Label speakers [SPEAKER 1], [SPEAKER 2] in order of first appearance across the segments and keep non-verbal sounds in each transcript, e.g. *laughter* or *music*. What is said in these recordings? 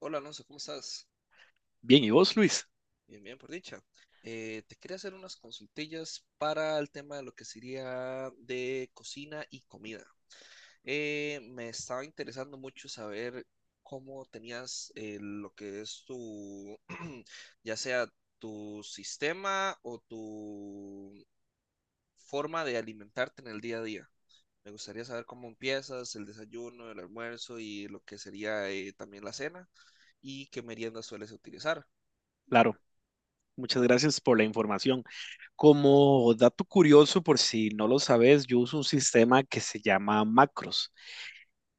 [SPEAKER 1] Hola Alonso, ¿cómo estás?
[SPEAKER 2] Bien, ¿y vos, Luis?
[SPEAKER 1] Bien, bien, por dicha. Te quería hacer unas consultillas para el tema de lo que sería de cocina y comida. Me estaba interesando mucho saber cómo tenías lo que es tu, *clears throat* ya sea tu sistema o tu forma de alimentarte en el día a día. Me gustaría saber cómo empiezas el desayuno, el almuerzo y lo que sería también la cena y qué meriendas sueles utilizar.
[SPEAKER 2] Claro, muchas gracias por la información. Como dato curioso, por si no lo sabes, yo uso un sistema que se llama macros,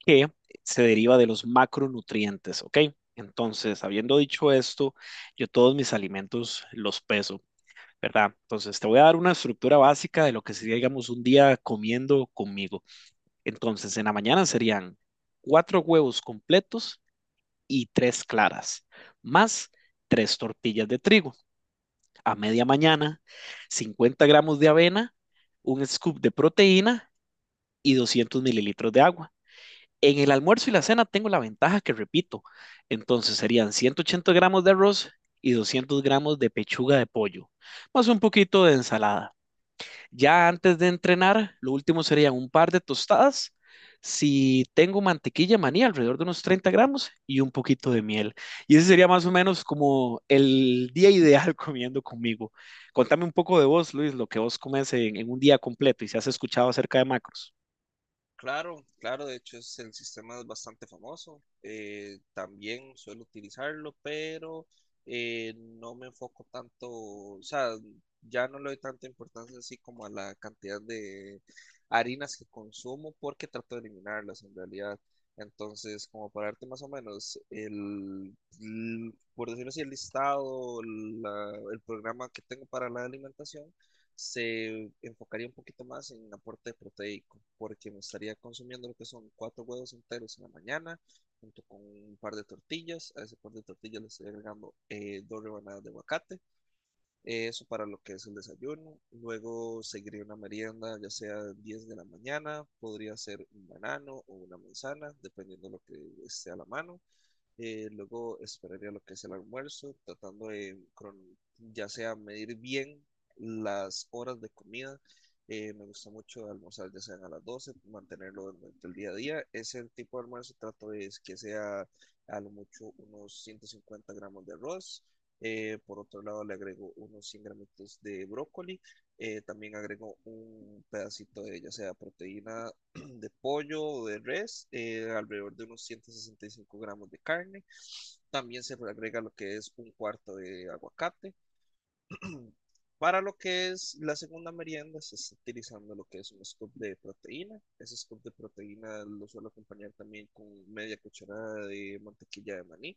[SPEAKER 2] que se deriva de los macronutrientes, ¿ok? Entonces, habiendo dicho esto, yo todos mis alimentos los peso, ¿verdad? Entonces, te voy a dar una estructura básica de lo que sería, digamos, un día comiendo conmigo. Entonces, en la mañana serían cuatro huevos completos y tres claras, más tres tortillas de trigo. A media mañana, 50 gramos de avena, un scoop de proteína y 200 mililitros de agua. En el almuerzo y la cena tengo la ventaja que repito, entonces serían 180 gramos de arroz y 200 gramos de pechuga de pollo, más un poquito de ensalada. Ya antes de entrenar, lo último serían un par de tostadas. Si tengo mantequilla maní, alrededor de unos 30 gramos y un poquito de miel. Y ese sería más o menos como el día ideal *laughs* comiendo conmigo. Contame un poco de vos, Luis, lo que vos comes en un día completo y si has escuchado acerca de macros.
[SPEAKER 1] Claro, claro, de hecho es, el sistema es bastante famoso. También suelo utilizarlo, pero no me enfoco tanto, o sea, ya no le doy tanta importancia así como a la cantidad de harinas que consumo porque trato de eliminarlas en realidad. Entonces, como para darte más o menos el, por decirlo así, el listado, el programa que tengo para la alimentación se enfocaría un poquito más en aporte proteico, porque me estaría consumiendo lo que son cuatro huevos enteros en la mañana, junto con un par de tortillas. A ese par de tortillas le estoy agregando dos rebanadas de aguacate, eso para lo que es el desayuno. Luego seguiría una merienda, ya sea 10 de la mañana, podría ser un banano o una manzana, dependiendo de lo que esté a la mano. Luego esperaría lo que es el almuerzo, tratando de, ya sea medir bien las horas de comida. Me gusta mucho almorzar ya sea a las doce, mantenerlo durante el día a día. Ese tipo de almuerzo trato de es que sea a lo mucho unos 150 gramos de arroz. Por otro lado, le agrego unos 100 gramitos de brócoli. También agrego un pedacito de ya sea proteína de pollo o de res, alrededor de unos 165 gramos de carne. También se le agrega lo que es un cuarto de aguacate. *clears throat* Para lo que es la segunda merienda, se está utilizando lo que es un scoop de proteína. Ese scoop de proteína lo suelo acompañar también con media cucharada de mantequilla de maní.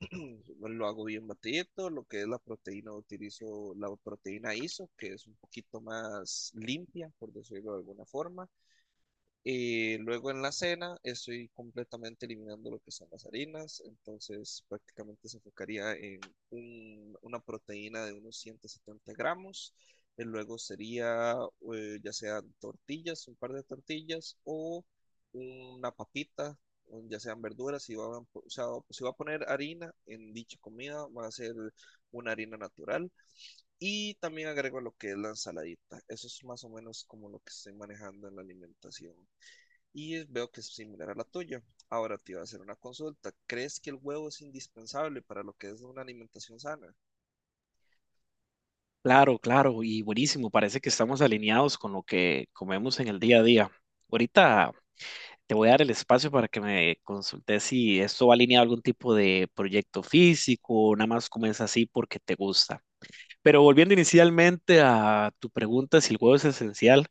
[SPEAKER 1] *clears throat* Lo hago bien batidito. Lo que es la proteína, utilizo la proteína ISO, que es un poquito más limpia, por decirlo de alguna forma. Y luego en la cena estoy completamente eliminando lo que son las harinas, entonces prácticamente se enfocaría en una proteína de unos 170 gramos. Y luego sería ya sean tortillas, un par de tortillas o una papita, o ya sean verduras. Si va a, o sea, si va a poner harina en dicha comida, va a ser una harina natural. Y también agrego lo que es la ensaladita. Eso es más o menos como lo que estoy manejando en la alimentación y veo que es similar a la tuya. Ahora te iba a hacer una consulta. ¿Crees que el huevo es indispensable para lo que es una alimentación sana?
[SPEAKER 2] Claro, claro, y buenísimo. Parece que estamos alineados con lo que comemos en el día a día. Ahorita te voy a dar el espacio para que me consultes si esto va alineado a algún tipo de proyecto físico o nada más comienza así porque te gusta. Pero volviendo inicialmente a tu pregunta, si el huevo es esencial,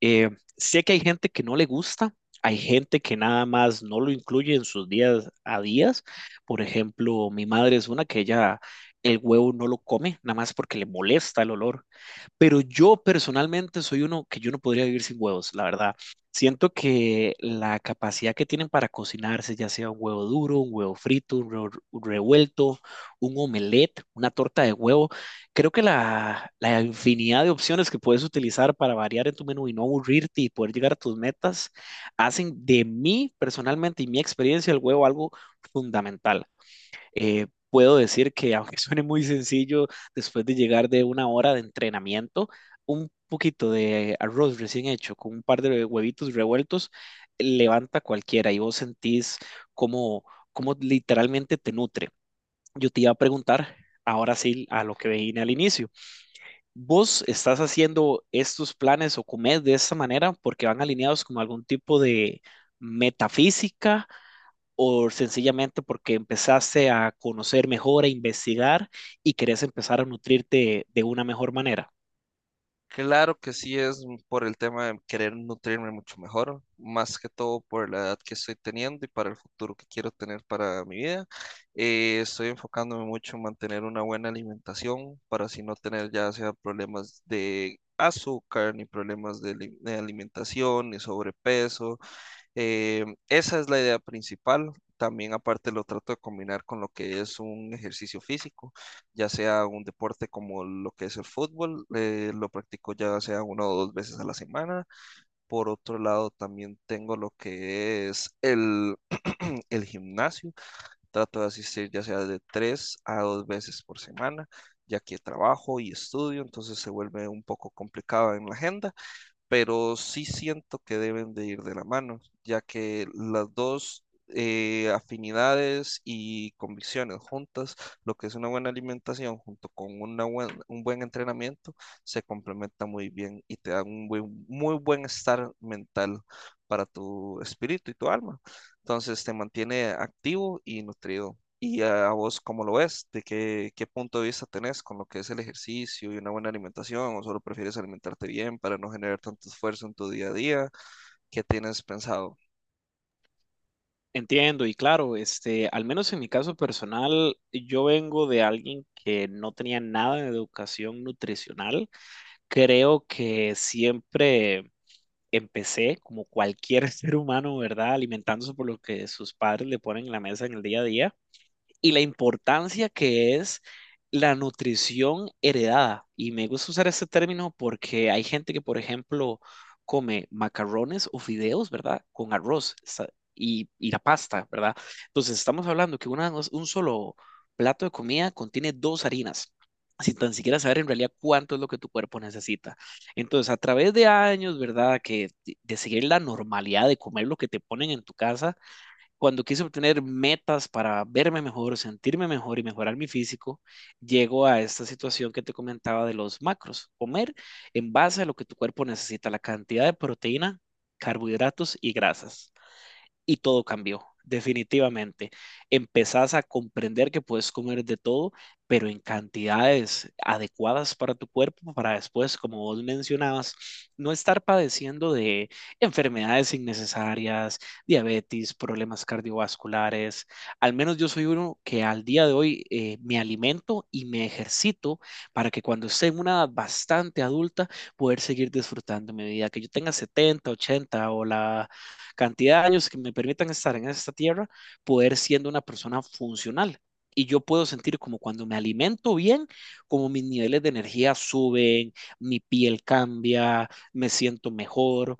[SPEAKER 2] eh, sé que hay gente que no le gusta, hay gente que nada más no lo incluye en sus días a días. Por ejemplo, mi madre es una que ella el huevo no lo come, nada más porque le molesta el olor. Pero yo personalmente soy uno que yo no podría vivir sin huevos, la verdad. Siento que la capacidad que tienen para cocinarse, ya sea un huevo duro, un huevo frito, un huevo revuelto, un omelette, una torta de huevo, creo que la infinidad de opciones que puedes utilizar para variar en tu menú y no aburrirte y poder llegar a tus metas, hacen de mí personalmente y mi experiencia el huevo algo fundamental. Puedo decir que, aunque *laughs* suene muy sencillo, después de llegar de una hora de entrenamiento, un poquito de arroz recién hecho con un par de huevitos revueltos, levanta cualquiera y vos sentís cómo, cómo literalmente te nutre. Yo te iba a preguntar, ahora sí, a lo que vine al inicio. ¿Vos estás haciendo estos planes o comés de esta manera porque van alineados con algún tipo de metafísica o sencillamente porque empezaste a conocer mejor, a investigar y querés empezar a nutrirte de una mejor manera?
[SPEAKER 1] Claro que sí, es por el tema de querer nutrirme mucho mejor, más que todo por la edad que estoy teniendo y para el futuro que quiero tener para mi vida. Estoy enfocándome mucho en mantener una buena alimentación para así no tener ya sea problemas de azúcar, ni problemas de, de alimentación, ni sobrepeso. Esa es la idea principal. También aparte lo trato de combinar con lo que es un ejercicio físico, ya sea un deporte como lo que es el fútbol, lo practico ya sea una o dos veces a la semana. Por otro lado, también tengo lo que es *clears throat* el gimnasio, trato de asistir ya sea de tres a dos veces por semana, ya que trabajo y estudio, entonces se vuelve un poco complicado en la agenda, pero sí siento que deben de ir de la mano, ya que las dos afinidades y convicciones juntas, lo que es una buena alimentación junto con una un buen entrenamiento, se complementa muy bien y te da un muy buen estar mental para tu espíritu y tu alma. Entonces te mantiene activo y nutrido. ¿Y a vos cómo lo ves? ¿De qué, qué punto de vista tenés con lo que es el ejercicio y una buena alimentación? ¿O solo prefieres alimentarte bien para no generar tanto esfuerzo en tu día a día? ¿Qué tienes pensado?
[SPEAKER 2] Entiendo, y claro, este, al menos en mi caso personal, yo vengo de alguien que no tenía nada de educación nutricional. Creo que siempre empecé, como cualquier *laughs* ser humano, ¿verdad? Alimentándose por lo que sus padres le ponen en la mesa en el día a día. Y la importancia que es la nutrición heredada. Y me gusta usar este término porque hay gente que, por ejemplo, come macarrones o fideos, ¿verdad? Con arroz y la pasta, ¿verdad? Entonces estamos hablando que un solo plato de comida contiene dos harinas. Sin tan siquiera saber en realidad cuánto es lo que tu cuerpo necesita. Entonces, a través de años, ¿verdad? Que de seguir la normalidad de comer lo que te ponen en tu casa, cuando quise obtener metas para verme mejor, sentirme mejor y mejorar mi físico, llego a esta situación que te comentaba de los macros. Comer en base a lo que tu cuerpo necesita, la cantidad de proteína, carbohidratos y grasas y todo cambió, definitivamente. Empezás a comprender que puedes comer de todo, pero en cantidades adecuadas para tu cuerpo, para después, como vos mencionabas, no estar padeciendo de enfermedades innecesarias, diabetes, problemas cardiovasculares. Al menos yo soy uno que al día de hoy me alimento y me ejercito para que cuando esté en una edad bastante adulta, poder seguir disfrutando mi vida, que yo tenga 70, 80 o la cantidad de años que me permitan estar en esta tierra, poder siendo una persona funcional. Y yo puedo sentir como cuando me alimento bien, como mis niveles de energía suben, mi piel cambia, me siento mejor.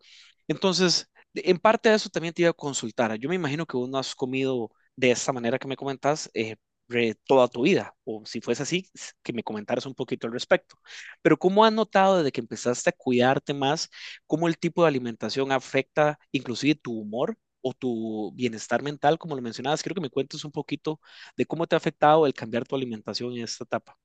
[SPEAKER 2] Entonces, en parte de eso también te iba a consultar. Yo me imagino que vos no has comido de esta manera que me comentas toda tu vida, o si fuese así, que me comentaras un poquito al respecto. Pero ¿cómo has notado desde que empezaste a cuidarte más cómo el tipo de alimentación afecta inclusive tu humor o tu bienestar mental, como lo mencionabas? Quiero que me cuentes un poquito de cómo te ha afectado el cambiar tu alimentación en esta etapa.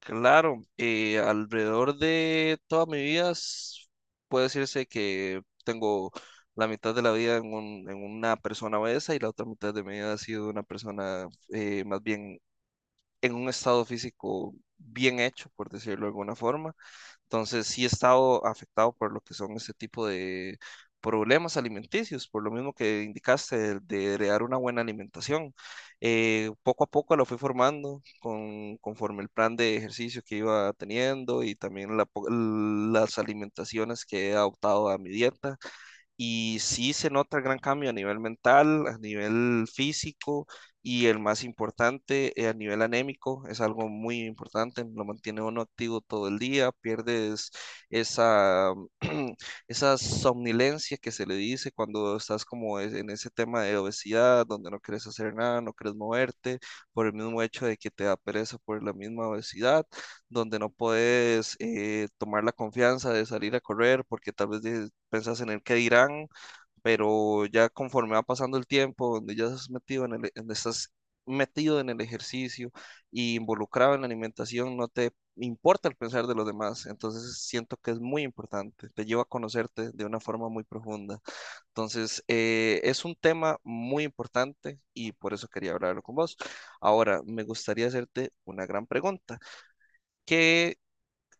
[SPEAKER 1] Claro, alrededor de toda mi vida puede decirse que tengo la mitad de la vida en, en una persona obesa y la otra mitad de mi vida ha sido una persona más bien en un estado físico bien hecho, por decirlo de alguna forma. Entonces sí he estado afectado por lo que son este tipo de problemas alimenticios, por lo mismo que indicaste, de crear una buena alimentación. Poco a poco lo fui formando con, conforme el plan de ejercicio que iba teniendo y también la las alimentaciones que he adoptado a mi dieta. Y sí se nota el gran cambio a nivel mental, a nivel físico y el más importante, a nivel anémico. Es algo muy importante, lo mantiene uno activo todo el día, pierdes esa, *clears throat* esa somnolencia que se le dice cuando estás como en ese tema de obesidad, donde no quieres hacer nada, no quieres moverte, por el mismo hecho de que te da pereza por la misma obesidad, donde no puedes tomar la confianza de salir a correr porque tal vez pensás en el qué dirán, pero ya conforme va pasando el tiempo, donde ya estás metido en el, estás metido en el ejercicio y involucrado en la alimentación, no te importa el pensar de los demás, entonces siento que es muy importante, te lleva a conocerte de una forma muy profunda. Entonces, es un tema muy importante y por eso quería hablarlo con vos. Ahora, me gustaría hacerte una gran pregunta. ¿Qué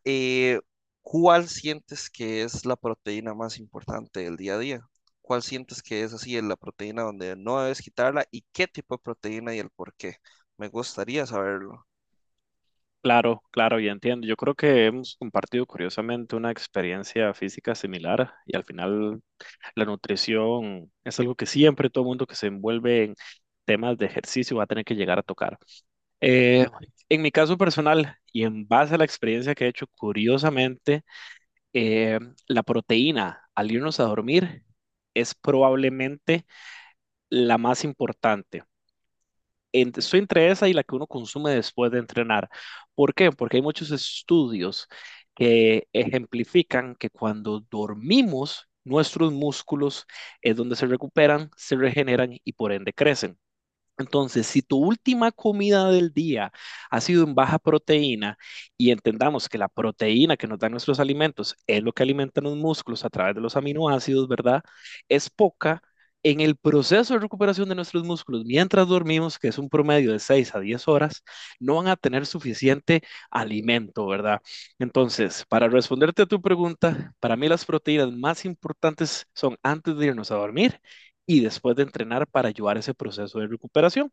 [SPEAKER 1] eh, ¿cuál sientes que es la proteína más importante del día a día? ¿Cuál sientes que es así, la proteína donde no debes quitarla y qué tipo de proteína y el por qué? Me gustaría saberlo.
[SPEAKER 2] Claro, claro, ya entiendo. Yo creo que hemos compartido curiosamente una experiencia física similar y al final la nutrición es algo que siempre todo mundo que se envuelve en temas de ejercicio va a tener que llegar a tocar. Eh, en mi caso personal y en base a la experiencia que he hecho, curiosamente, eh, la proteína al irnos a dormir es probablemente la más importante. Estoy entre esa y la que uno consume después de entrenar. ¿Por qué? Porque hay muchos estudios que ejemplifican que cuando dormimos, nuestros músculos es donde se recuperan, se regeneran y por ende crecen. Entonces, si tu última comida del día ha sido en baja proteína y entendamos que la proteína que nos dan nuestros alimentos es lo que alimentan los músculos a través de los aminoácidos, ¿verdad? Es poca. En el proceso de recuperación de nuestros músculos, mientras dormimos, que es un promedio de 6 a 10 horas, no van a tener suficiente alimento, ¿verdad? Entonces, para responderte a tu pregunta, para mí las proteínas más importantes son antes de irnos a dormir y después de entrenar para ayudar a ese proceso de recuperación.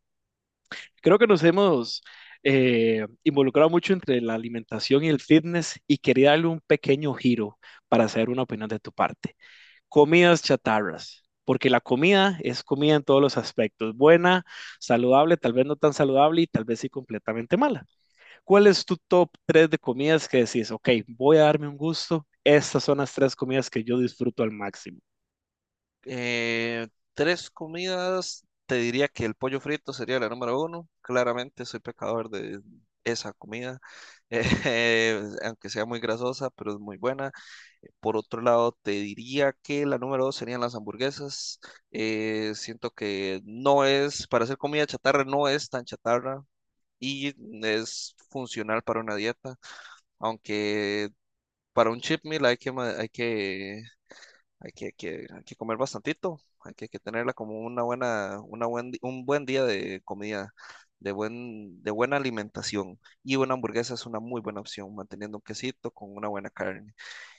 [SPEAKER 2] Creo que nos hemos involucrado mucho entre la alimentación y el fitness y quería darle un pequeño giro para hacer una opinión de tu parte. Comidas chatarras, porque la comida es comida en todos los aspectos, buena, saludable, tal vez no tan saludable y tal vez sí completamente mala. ¿Cuál es tu top 3 de comidas que decís, ok, voy a darme un gusto? Estas son las tres comidas que yo disfruto al máximo.
[SPEAKER 1] Eh, Tres comidas, te diría que el pollo frito sería la número uno. Claramente soy pecador de esa comida, *laughs* aunque sea muy grasosa, pero es muy buena. Por otro lado, te diría que la número dos serían las hamburguesas. Siento que no es, para hacer comida chatarra, no es tan chatarra y es funcional para una dieta, aunque para un cheat meal hay que comer bastantito, hay que tenerla como una buena, un buen día de comida, de buena alimentación. Y una hamburguesa es una muy buena opción, manteniendo un quesito con una buena carne.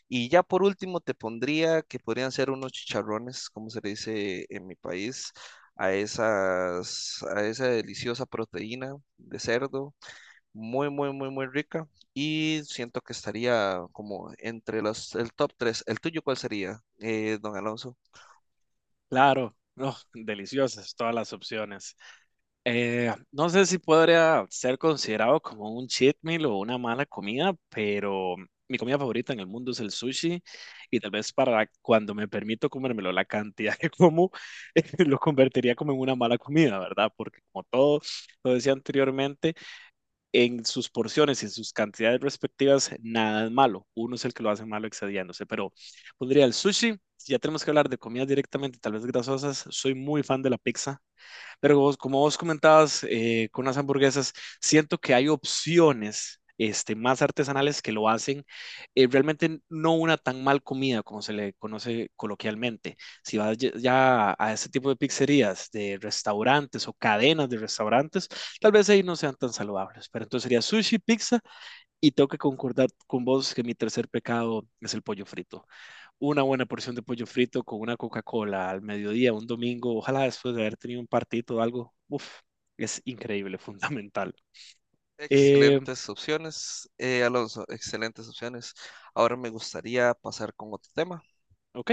[SPEAKER 1] Y ya por último te pondría que podrían ser unos chicharrones, como se le dice en mi país, a esas, a esa deliciosa proteína de cerdo, muy, muy, muy, muy rica. Y siento que estaría como entre los, el top tres. ¿El tuyo cuál sería, don Alonso?
[SPEAKER 2] Claro, no, deliciosas todas las opciones. No sé si podría ser considerado como un cheat meal o una mala comida, pero mi comida favorita en el mundo es el sushi y tal vez para cuando me permito comérmelo, la cantidad que como *laughs* lo convertiría como en una mala comida, ¿verdad? Porque como todo lo decía anteriormente, en sus porciones y en sus cantidades respectivas, nada es malo. Uno es el que lo hace malo excediéndose, pero pondría el sushi. Si ya tenemos que hablar de comidas directamente, tal vez grasosas, soy muy fan de la pizza. Pero vos- como vos comentabas con las hamburguesas, siento que hay opciones este, más artesanales que lo hacen realmente no una tan mal comida como se le conoce coloquialmente. Si vas ya a ese tipo de pizzerías, de restaurantes o cadenas de restaurantes, tal vez ahí no sean tan saludables. Pero entonces sería sushi, pizza y tengo que concordar con vos que mi tercer pecado es el pollo frito. Una buena porción de pollo frito con una Coca-Cola al mediodía, un domingo, ojalá después de haber tenido un partido o algo, uf, es increíble, *laughs* fundamental. Eh,
[SPEAKER 1] Excelentes opciones, Alonso, excelentes opciones. Ahora me gustaría pasar con otro tema.
[SPEAKER 2] ok,